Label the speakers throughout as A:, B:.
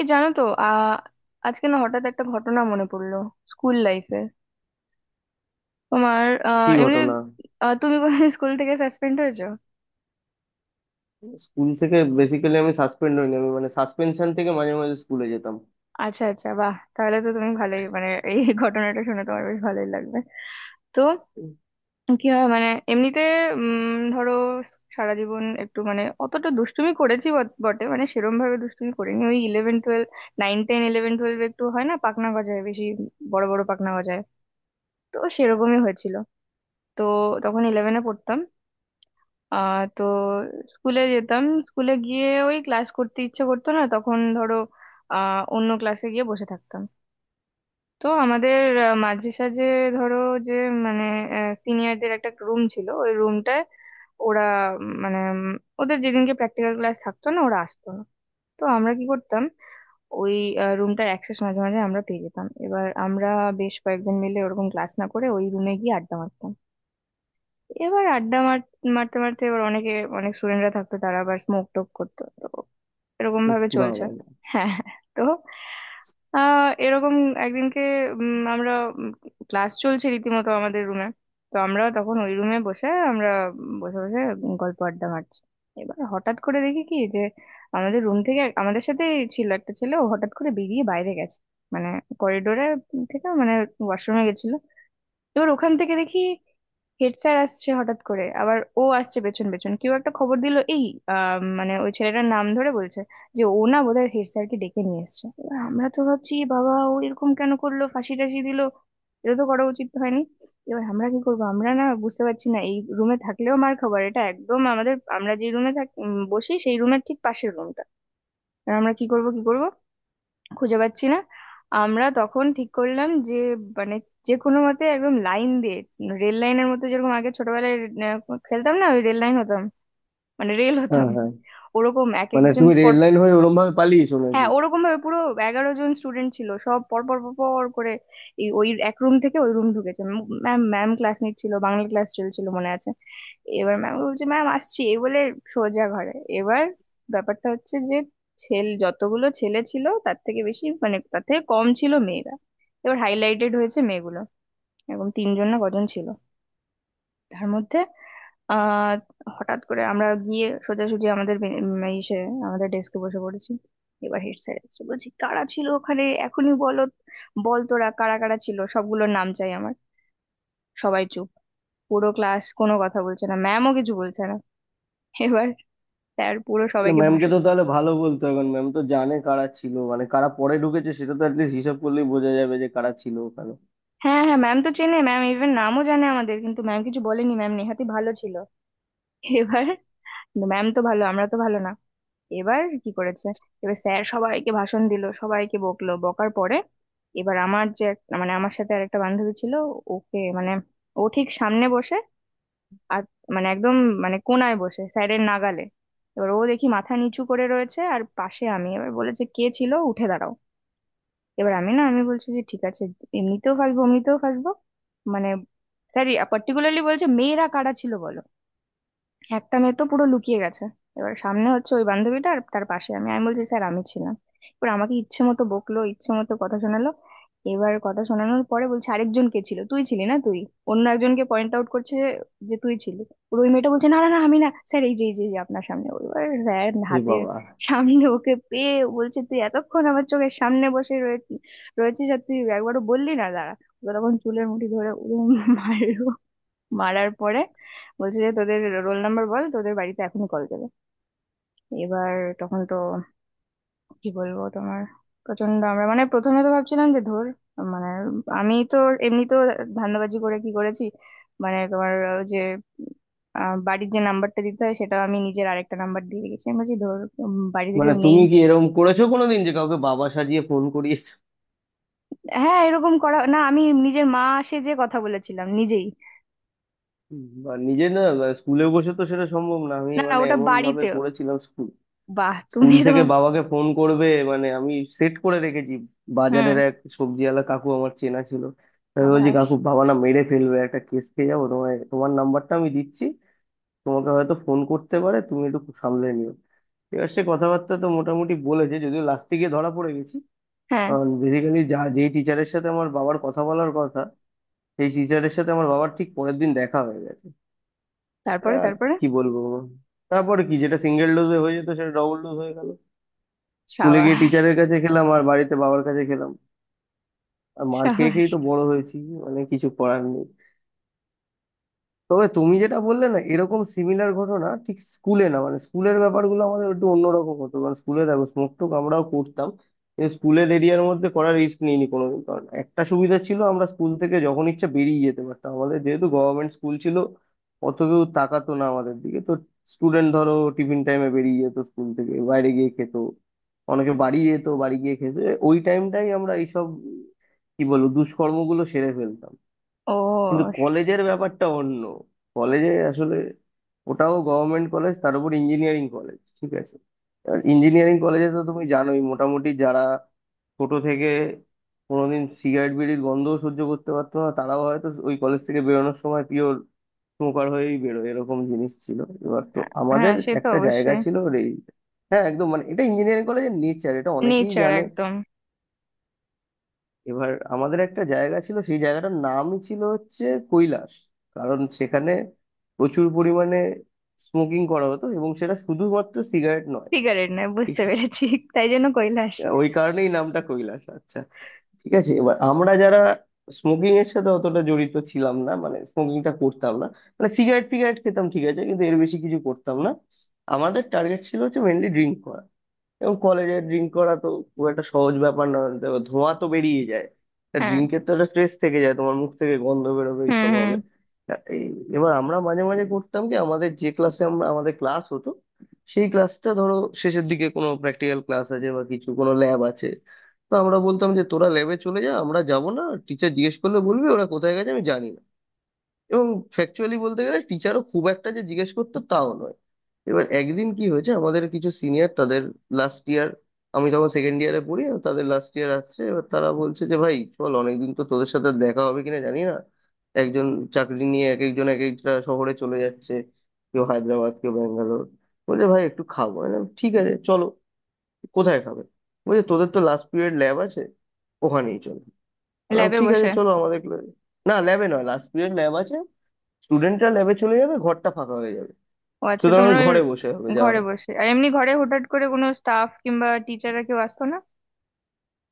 A: এ, জানো তো আজকে না হঠাৎ একটা ঘটনা মনে পড়লো, স্কুল লাইফে। তোমার
B: কি
A: এমনি
B: ঘটনা?
A: তুমি স্কুল থেকে সাসপেন্ড হয়েছো?
B: স্কুল থেকে বেসিক্যালি আমি সাসপেন্ড হইনি, আমি মানে সাসপেনশন থেকে মাঝে মাঝে স্কুলে যেতাম।
A: আচ্ছা আচ্ছা, বাহ, তাহলে তো তুমি ভালোই, মানে এই ঘটনাটা শুনে তোমার বেশ ভালোই লাগবে। তো কি হয় মানে এমনিতে, ধরো সারা জীবন একটু, মানে অতটা দুষ্টুমি করেছি বটে, মানে সেরম ভাবে দুষ্টুমি করিনি। ওই eleven twelve, nine ten eleven twelve একটু হয় না, পাকনা গজায় বেশি, বড় বড় পাকনা গজায়। তো সেরকমই হয়েছিল। তো তখন ইলেভেনে পড়তাম, তো স্কুলে যেতাম। স্কুলে গিয়ে ওই ক্লাস করতে ইচ্ছে করতো না তখন, ধরো অন্য ক্লাসে গিয়ে বসে থাকতাম। তো আমাদের মাঝে সাঝে ধরো যে, মানে সিনিয়রদের একটা রুম ছিল। ওই রুমটায় ওরা উম, মানে উম, ওদের যেদিনকে প্র্যাকটিক্যাল ক্লাস থাকতো না ওরা আসতো না। তো আমরা কি করতাম, ওই রুমটার অ্যাক্সেস মাঝে মাঝে আমরা পেয়ে যেতাম। এবার আমরা বেশ কয়েকজন মিলে ওরকম ক্লাস না করে ওই রুমে গিয়ে আড্ডা মারতাম। এবার আড্ডা মারতে মারতে এবার অনেক স্টুডেন্টরা থাকতো, তারা আবার স্মোক টোক করতো। তো এরকম ভাবে
B: বাহ
A: চলছে।
B: বাহ বাহ।
A: হ্যাঁ। তো এরকম একদিনকে আমরা, ক্লাস চলছে রীতিমতো আমাদের রুমে, তো আমরা তখন ওই রুমে বসে বসে বসে গল্প আড্ডা মারছি। এবার হঠাৎ করে দেখি কি যে, আমাদের রুম থেকে আমাদের সাথে ছিল একটা ছেলে, ও হঠাৎ করে বেরিয়ে বাইরে গেছে, মানে করিডোরে থেকে, মানে ওয়াশরুমে গেছিল। এবার ওখান থেকে দেখি হেড স্যার আসছে হঠাৎ করে, আবার ও আসছে পেছন পেছন। কেউ একটা খবর দিল এই, মানে ওই ছেলেটার নাম ধরে বলছে যে ও না বোধহয় হেড স্যারকে ডেকে নিয়ে এসছে। এবার আমরা তো ভাবছি, "এ বাবা, ও এরকম কেন করলো, ফাঁসি টাসি দিল, এটা তো করা উচিত হয়নি।" এবার আমরা কি করবো, আমরা না বুঝতে পারছি না, এই রুমে থাকলেও মার খাবার। এটা একদম আমাদের, আমরা যে রুমে থাকি বসি সেই রুমের ঠিক পাশের রুমটা। আমরা কি করব কি করব খুঁজে পাচ্ছি না। আমরা তখন ঠিক করলাম যে, মানে, যে কোনো মতে একদম লাইন দিয়ে, রেল লাইনের মতো, যেরকম আগে ছোটবেলায় আহ, খেলতাম না ওই, রেল লাইন হতাম, মানে রেল
B: হ্যাঁ,
A: হতাম,
B: হ্যাঁ।
A: ওরকম এক
B: মানে
A: একজন
B: তুমি
A: পর।
B: রেড লাইন হয়ে ওরম ভাবে পালিয়েছো
A: হ্যাঁ,
B: নাকি?
A: ওরকম ভাবে পুরো 11 জন স্টুডেন্ট ছিল সব, পর পর পর পর করে এই, ওই এক রুম থেকে ওই রুম ঢুকেছে। ম্যাম ম্যাম ক্লাস নিচ্ছিল, বাংলা ক্লাস চলছিল মনে আছে। এবার ম্যাম বলছে, "ম্যাম আসছি" এই বলে সোজা ঘরে। এবার ব্যাপারটা হচ্ছে যে, ছেলে যতগুলো ছেলে ছিল তার থেকে বেশি, মানে তার থেকে কম ছিল মেয়েরা। এবার হাইলাইটেড হয়েছে মেয়েগুলো, এরকম তিনজন না কজন ছিল তার মধ্যে। আহ হঠাৎ করে আমরা গিয়ে সোজাসুজি আমাদের ইসে আমাদের ডেস্কে বসে পড়েছি। এবার হেড স্যার এসে বলছি, "কারা ছিল ওখানে এখনই বলো, বল তোরা কারা কারা ছিল, সবগুলোর নাম চাই আমার।" সবাই চুপ, পুরো ক্লাস কোনো কথা বলছে না, ম্যামও কিছু বলছে না। এবার স্যার পুরো
B: না,
A: সবাইকে
B: ম্যামকে
A: ভাষণ।
B: তো তাহলে ভালো বলতো এখন, ম্যাম তো জানে কারা ছিল, মানে কারা পরে ঢুকেছে, সেটা তো অ্যাটলিস্ট হিসাব করলেই বোঝা যাবে যে কারা ছিল ওখানে।
A: হ্যাঁ হ্যাঁ, ম্যাম তো চেনে, ম্যাম ইভেন নামও জানে আমাদের, কিন্তু ম্যাম কিছু বলেনি, ম্যাম নেহাতি ভালো ছিল। এবার ম্যাম তো ভালো, আমরা তো ভালো না। এবার কি করেছে, এবার স্যার সবাইকে ভাষণ দিল, সবাইকে বকলো, বকার পরে, এবার আমার যে মানে আমার সাথে আর একটা বান্ধবী ছিল, ওকে মানে, ও ঠিক সামনে বসে আর, মানে একদম মানে কোনায় বসে স্যারের নাগালে। এবার ও দেখি মাথা নিচু করে রয়েছে আর পাশে আমি। এবার বলেছে, "কে ছিল উঠে দাঁড়াও।" এবার আমি না, আমি বলছি যে ঠিক আছে, এমনিতেও ফাঁসবো, এমনিতেও ফাঁসবো, মানে। স্যার পার্টিকুলারলি বলছে, "মেয়েরা কারা ছিল বলো।" একটা মেয়ে তো পুরো লুকিয়ে গেছে। এবার সামনে হচ্ছে ওই বান্ধবীটা আর তার পাশে আমি আমি বলছি, "স্যার আমি ছিলাম।" এবার আমাকে ইচ্ছে মতো বকলো, ইচ্ছে মতো কথা শোনালো। এবার কথা শোনানোর পরে বলছে, "আরেকজন কে ছিল, তুই ছিলি না, তুই।" অন্য একজনকে পয়েন্ট আউট করছে যে, "তুই ছিলি।" এবার ওই মেয়েটা বলছে, "না না না, আমি না স্যার, এই যে এই যে এই যে আপনার সামনে।" এবার স্যার
B: এ
A: হাতের
B: বাবা।
A: সামনে ওকে পেয়ে বলছে, "তুই এতক্ষণ আমার চোখের সামনে বসে রয়েছিস আর তুই একবারও বললি না, দাঁড়া।" ও তখন চুলের মুঠি ধরে মারলো। মারার পরে বলছে যে, "তোদের রোল নাম্বার বল, তোদের বাড়িতে এখনই কল যাবে।" এবার তখন তো কি বলবো তোমার, প্রচন্ড আমরা মানে প্রথমে তো ভাবছিলাম যে ধর, মানে, আমি তো এমনি তো ধান্দাবাজি করে কি করেছি, মানে, তোমার ওই যে বাড়ির যে নাম্বারটা দিতে হয় সেটা আমি নিজের আরেকটা নাম্বার দিয়ে রেখেছি। আমি বলছি ধর, বাড়িতে
B: মানে
A: কেউ নেই।
B: তুমি কি এরকম করেছো কোনোদিন যে কাউকে বাবা সাজিয়ে ফোন করিয়েছো?
A: হ্যাঁ, এরকম করা না, আমি নিজের মা, সে যে কথা বলেছিলাম নিজেই।
B: বা নিজে না, স্কুলে বসে তো সেটা সম্ভব না, আমি
A: না না,
B: মানে
A: ওটা
B: এমন ভাবে
A: বাড়িতেও।
B: করেছিলাম,
A: বাহ
B: স্কুল
A: তুমি তো।
B: থেকে বাবাকে ফোন করবে মানে আমি সেট করে রেখেছি।
A: হুম।
B: বাজারের এক সবজিওয়ালা কাকু আমার চেনা ছিল। আমি বলছি,
A: আবার।
B: কাকু, বাবা না মেরে ফেলবে, একটা কেস খেয়ে যাবো, তোমায় তোমার নাম্বারটা আমি দিচ্ছি, তোমাকে হয়তো ফোন করতে পারে, তুমি একটু সামলে নিও। এবার সে কথাবার্তা তো মোটামুটি বলেছে, যদিও লাস্টে গিয়ে ধরা পড়ে গেছি।
A: হ্যাঁ,
B: কারণ বেসিক্যালি যেই টিচারের সাথে আমার বাবার কথা বলার কথা, সেই টিচারের সাথে আমার বাবার ঠিক পরের দিন দেখা হয়ে গেছে।
A: তারপরে
B: আর
A: তারপরে।
B: কি বলবো, তারপরে কি, যেটা সিঙ্গেল ডোজে হয়ে যেত সেটা ডবল ডোজ হয়ে গেল। স্কুলে গিয়ে
A: সাবাস।
B: টিচারের কাছে খেলাম আর বাড়িতে বাবার কাছে খেলাম। আর মার খেয়ে
A: সাবাস।
B: খেয়েই তো বড় হয়েছি, মানে কিছু করার নেই। তবে তুমি যেটা বললে না, এরকম সিমিলার ঘটনা, ঠিক স্কুলে না, মানে স্কুলের ব্যাপারগুলো আমাদের একটু অন্যরকম হতো। কারণ স্কুলে দেখো, স্মোক টোক আমরাও করতাম, কিন্তু স্কুলের এরিয়ার মধ্যে করার রিস্ক নিইনি কোনোদিন। কারণ একটা সুবিধা ছিল, আমরা স্কুল থেকে যখন ইচ্ছা বেরিয়ে যেতে পারতাম, আমাদের যেহেতু গভর্নমেন্ট স্কুল ছিল, অত কেউ তাকাতো না আমাদের দিকে। তো স্টুডেন্ট ধরো টিফিন টাইমে বেরিয়ে যেত, স্কুল থেকে বাইরে গিয়ে খেত, অনেকে বাড়ি যেত বাড়ি গিয়ে খেতে। ওই টাইমটাই আমরা এইসব কি বলবো দুষ্কর্মগুলো সেরে ফেলতাম। কিন্তু
A: ও।
B: কলেজের ব্যাপারটা অন্য। কলেজে আসলে, ওটাও গভর্নমেন্ট কলেজ, তার উপর ইঞ্জিনিয়ারিং কলেজ, ঠিক আছে। এবার ইঞ্জিনিয়ারিং কলেজে তো তুমি জানোই, মোটামুটি যারা ছোট থেকে কোনোদিন সিগারেট বিড়ির গন্ধও সহ্য করতে পারতো না, তারাও হয়তো ওই কলেজ থেকে বেরোনোর সময় পিওর স্মোকার হয়েই বেরোয়, এরকম জিনিস ছিল। এবার তো
A: হ্যাঁ
B: আমাদের
A: সে তো
B: একটা জায়গা
A: অবশ্যই।
B: ছিল রে। হ্যাঁ একদম, মানে এটা ইঞ্জিনিয়ারিং কলেজের নেচার, এটা অনেকেই
A: নেচার
B: জানে।
A: একদম।
B: এবার আমাদের একটা জায়গা ছিল, সেই জায়গাটার নামই ছিল হচ্ছে কৈলাস। কারণ সেখানে প্রচুর পরিমাণে স্মোকিং করা হতো, এবং সেটা শুধুমাত্র সিগারেট নয়।
A: সিগারেট নয়,
B: ঠিক
A: বুঝতে
B: আছে,
A: পেরেছি। তাই জন্য কৈলাস।
B: ওই কারণেই নামটা কৈলাস, আচ্ছা। ঠিক আছে, এবার আমরা যারা স্মোকিং এর সাথে অতটা জড়িত ছিলাম না, মানে স্মোকিংটা করতাম না, মানে সিগারেট ফিগারেট খেতাম ঠিক আছে, কিন্তু এর বেশি কিছু করতাম না। আমাদের টার্গেট ছিল হচ্ছে মেনলি ড্রিঙ্ক। এবং কলেজে ড্রিঙ্ক করা তো খুব একটা সহজ ব্যাপার না, দেখো, ধোঁয়া তো বেরিয়ে যায়,
A: হ্যাঁ।
B: ড্রিঙ্কের তো একটা ট্রেস থেকে যায়, তোমার মুখ থেকে গন্ধ বেরোবে,
A: হুম
B: এইসব
A: হুম।
B: হবে। তা এই, এবার আমরা মাঝে মাঝে করতাম কি, আমাদের যে ক্লাসে আমরা আমাদের ক্লাস হতো, সেই ক্লাসটা ধরো শেষের দিকে কোনো প্র্যাকটিক্যাল ক্লাস আছে বা কিছু কোনো ল্যাব আছে, তো আমরা বলতাম যে তোরা ল্যাবে চলে যা, আমরা যাব না, টিচার জিজ্ঞেস করলে বলবি ওরা কোথায় গেছে আমি জানি না। এবং ফ্যাকচুয়ালি বলতে গেলে টিচারও খুব একটা যে জিজ্ঞেস করতো তাও নয়। এবার একদিন কি হয়েছে, আমাদের কিছু সিনিয়র, তাদের লাস্ট ইয়ার, আমি তখন সেকেন্ড ইয়ারে পড়ি আর তাদের লাস্ট ইয়ার আসছে, এবার তারা বলছে যে ভাই চল, অনেকদিন তো, তোদের সাথে দেখা হবে কিনা জানি না, একজন চাকরি নিয়ে এক একজন এক একটা শহরে চলে যাচ্ছে, কেউ হায়দ্রাবাদ কেউ ব্যাঙ্গালোর। বলছে ভাই একটু খাবো, আমি বললাম, ঠিক আছে চলো, কোথায় খাবে? বলছে তোদের তো লাস্ট পিরিয়ড ল্যাব আছে, ওখানেই চলো। আমি বললাম
A: ল্যাবে
B: ঠিক আছে
A: বসে।
B: চলো, আমাদের class এ। না ল্যাবে নয়, লাস্ট পিরিয়ড ল্যাব আছে, স্টুডেন্টরা ল্যাবে চলে যাবে, ঘরটা ফাঁকা হয়ে যাবে,
A: ও আচ্ছা,
B: সুতরাং
A: তোমরা
B: ওই
A: ওই
B: ঘরে বসে হবে যা
A: ঘরে
B: হবে।
A: বসে আর এমনি ঘরে হঠাৎ করে কোনো স্টাফ কিংবা টিচাররা কেউ আসতো না?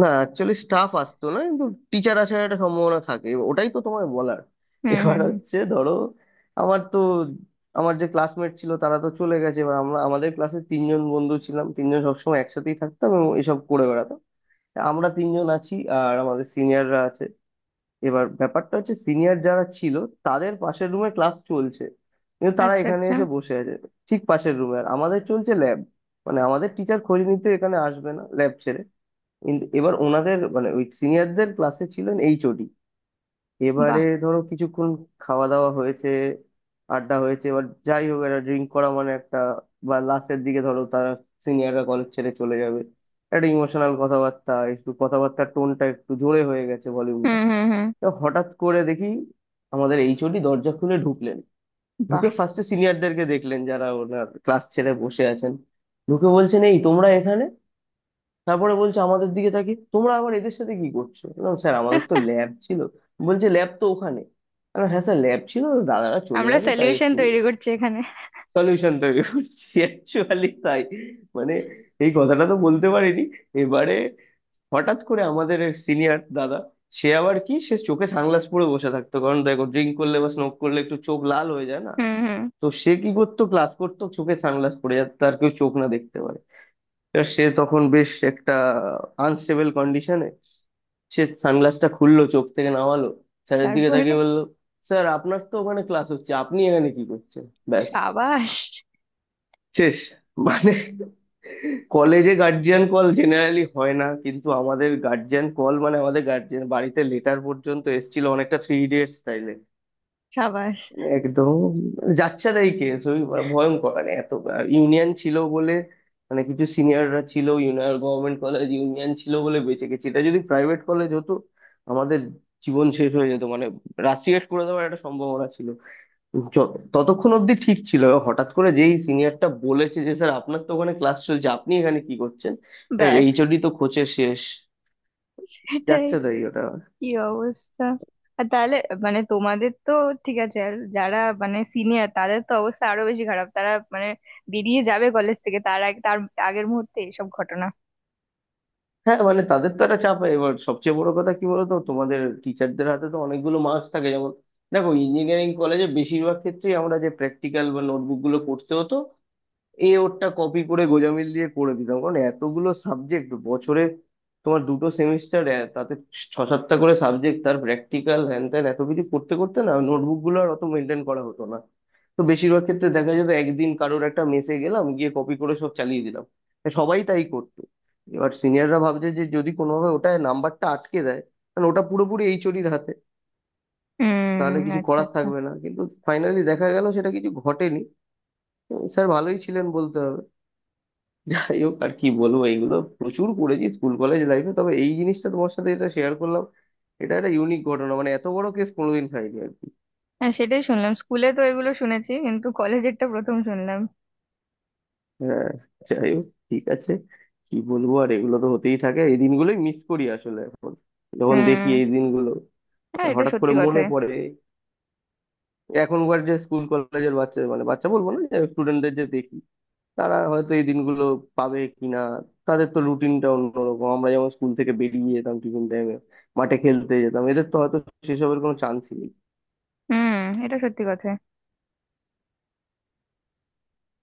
B: না অ্যাকচুয়ালি স্টাফ আসতো না, কিন্তু টিচার আসার একটা সম্ভাবনা থাকে, ওটাই তো তোমায় বলার।
A: হুম
B: এবার
A: হুম হুম।
B: হচ্ছে ধরো, আমার তো, আমার যে ক্লাসমেট ছিল তারা তো চলে গেছে, এবার আমরা আমাদের ক্লাসে তিনজন বন্ধু ছিলাম, তিনজন সবসময় একসাথেই থাকতাম এবং এসব করে বেড়াতাম। আমরা তিনজন আছি, আর আমাদের সিনিয়ররা আছে। এবার ব্যাপারটা হচ্ছে, সিনিয়র যারা ছিল তাদের পাশের রুমে ক্লাস চলছে, কিন্তু তারা
A: আচ্ছা
B: এখানে
A: আচ্ছা।
B: এসে বসে আছে। ঠিক পাশের রুমে, আর আমাদের চলছে ল্যাব, মানে আমাদের টিচার খোঁজ নিতে এখানে আসবে না, ল্যাব ছেড়ে। কিন্তু এবার ওনাদের মানে ওই সিনিয়রদের ক্লাসে ছিলেন এইচওডি। এবারে
A: বাহ।
B: ধরো কিছুক্ষণ খাওয়া দাওয়া হয়েছে, আড্ডা হয়েছে, এবার যাই হোক একটা ড্রিঙ্ক করা মানে একটা, বা লাস্টের দিকে ধরো তারা, সিনিয়ররা কলেজ ছেড়ে চলে যাবে, একটা ইমোশনাল কথাবার্তা, একটু কথাবার্তার টোনটা একটু জোরে হয়ে গেছে, ভলিউমটা।
A: হুম হুম হুম।
B: তো হঠাৎ করে দেখি আমাদের এইচওডি দরজা খুলে ঢুকলেন। ঢুকে
A: বাহ।
B: ফার্স্টে সিনিয়রদেরকে দেখলেন, যারা ওনার ক্লাস ছেড়ে বসে আছেন। ঢুকে বলছেন, এই তোমরা এখানে? তারপরে বলছে আমাদের দিকে তাকিয়ে, তোমরা আবার এদের সাথে কি করছো? বললাম, স্যার আমাদের তো ল্যাব ছিল। বলছে, ল্যাব তো ওখানে। আমি বললাম, হ্যাঁ স্যার ল্যাব ছিল, দাদারা চলে
A: আমরা
B: যাবে তাই
A: সলিউশন
B: একটু
A: তৈরি করছি এখানে।
B: সলিউশন তৈরি করছি অ্যাকচুয়ালি, তাই মানে এই কথাটা তো বলতে পারিনি। এবারে হঠাৎ করে আমাদের সিনিয়র দাদা, সে আবার কি, সে চোখে সানগ্লাস পরে বসে থাকতো, কারণ দেখো ড্রিঙ্ক করলে বা স্মোক করলে একটু চোখ লাল হয়ে যায় না,
A: হুম হুম।
B: তো সে কি করতো ক্লাস করতো চোখে সানগ্লাস পরে যাতে তার কেউ চোখ না দেখতে পারে। এবার সে তখন বেশ একটা আনস্টেবল কন্ডিশনে, সে সানগ্লাসটা খুললো, চোখ থেকে নামালো, স্যারের দিকে
A: তারপরে।
B: তাকিয়ে বললো, স্যার আপনার তো ওখানে ক্লাস হচ্ছে, আপনি এখানে কি করছেন? ব্যাস
A: সাবাস।
B: শেষ। মানে কলেজে গার্জিয়ান কল জেনারেলি হয় না, কিন্তু আমাদের গার্জিয়ান কল, মানে আমাদের গার্জিয়ান বাড়িতে লেটার পর্যন্ত এসেছিল, অনেকটা থ্রি ইডিয়টস স্টাইলে।
A: সাবাস।
B: একদম যাচ্ছেতাই কেস ওই, ভয়ঙ্কর, মানে এত, ইউনিয়ন ছিল বলে, মানে কিছু সিনিয়ররা ছিল, ইউনিয়ন, গভর্নমেন্ট কলেজ ইউনিয়ন ছিল বলে বেঁচে গেছি, এটা যদি প্রাইভেট কলেজ হতো, আমাদের জীবন শেষ হয়ে যেত মানে, রাস্টিকেট করে দেওয়ার একটা সম্ভাবনা ছিল। ততক্ষণ অব্দি ঠিক ছিল, হঠাৎ করে যেই সিনিয়রটা বলেছে যে স্যার আপনার তো ওখানে ক্লাস চলছে আপনি এখানে কি করছেন,
A: ব্যাস।
B: এইচওডি তো খোঁচে শেষ,
A: এটাই।
B: যাচ্ছে তাই ওটা।
A: কি অবস্থা! আর তাহলে, মানে তোমাদের তো, ঠিক আছে আর যারা, মানে সিনিয়র, তাদের তো অবস্থা আরো বেশি খারাপ। তারা মানে বেরিয়ে যাবে কলেজ থেকে, তার আগে, তার আগের মুহূর্তে এইসব ঘটনা।
B: হ্যাঁ মানে তাদের তো একটা চাপ হয়, এবার সবচেয়ে বড় কথা কি বলতো, তোমাদের টিচারদের হাতে তো অনেকগুলো মার্কস থাকে, যেমন দেখো ইঞ্জিনিয়ারিং কলেজে বেশিরভাগ ক্ষেত্রেই আমরা যে প্র্যাকটিক্যাল বা নোটবুক গুলো করতে হতো, এ ওরটা কপি করে গোজামিল দিয়ে করে দিতাম, কারণ এতগুলো সাবজেক্ট বছরে, তোমার দুটো সেমিস্টার, তাতে 6-7টা করে সাবজেক্ট, তার প্র্যাকটিক্যাল হ্যান ত্যান, এত কিছু করতে করতে না নোটবুকগুলো আর অত মেনটেন করা হতো না। তো বেশিরভাগ ক্ষেত্রে দেখা যেত একদিন কারোর একটা মেসে গেলাম, গিয়ে কপি করে সব চালিয়ে দিলাম, তা সবাই তাই করতো। এবার সিনিয়ররা ভাবছে যে যদি কোনোভাবে ওটা নাম্বারটা আটকে দেয়, কারণ ওটা পুরোপুরি এইচওডির হাতে,
A: হুম।
B: তাহলে কিছু
A: আচ্ছা
B: করার
A: আচ্ছা।
B: থাকবে না। কিন্তু ফাইনালি দেখা গেল সেটা কিছু ঘটেনি, স্যার ভালোই ছিলেন বলতে হবে। যাই হোক আর কি বলবো, এইগুলো প্রচুর করেছি স্কুল কলেজ লাইফে, তবে এই জিনিসটা তোমার সাথে এটা শেয়ার করলাম, এটা একটা ইউনিক ঘটনা, মানে এত বড় কেস কোনোদিন খাইনি আর কি।
A: হ্যাঁ সেটাই শুনলাম, স্কুলে তো এগুলো শুনেছি কিন্তু কলেজেরটা প্রথম শুনলাম।
B: হ্যাঁ, যাই হোক ঠিক আছে, কি বলবো আর, এগুলো তো হতেই থাকে, এই দিনগুলোই মিস করি আসলে এখন, যখন দেখি
A: হুম।
B: এই দিনগুলো
A: হ্যাঁ, এটা
B: হঠাৎ
A: সত্যি
B: করে মনে
A: কথাই।
B: পড়ে। এখনকার যে স্কুল কলেজের বাচ্চা, মানে বাচ্চা বলবো না, স্টুডেন্টদের যে student দের যে দেখি, তারা হয়তো এই দিনগুলো পাবে কিনা, তাদের তো রুটিনটা অন্যরকম। আমরা যেমন স্কুল থেকে বেরিয়ে যেতাম টিফিন টাইমে, মাঠে খেলতে যেতাম, এদের তো হয়তো সেসবের কোনো চান্সই নেই।
A: হুম। এটা সত্যি কথা।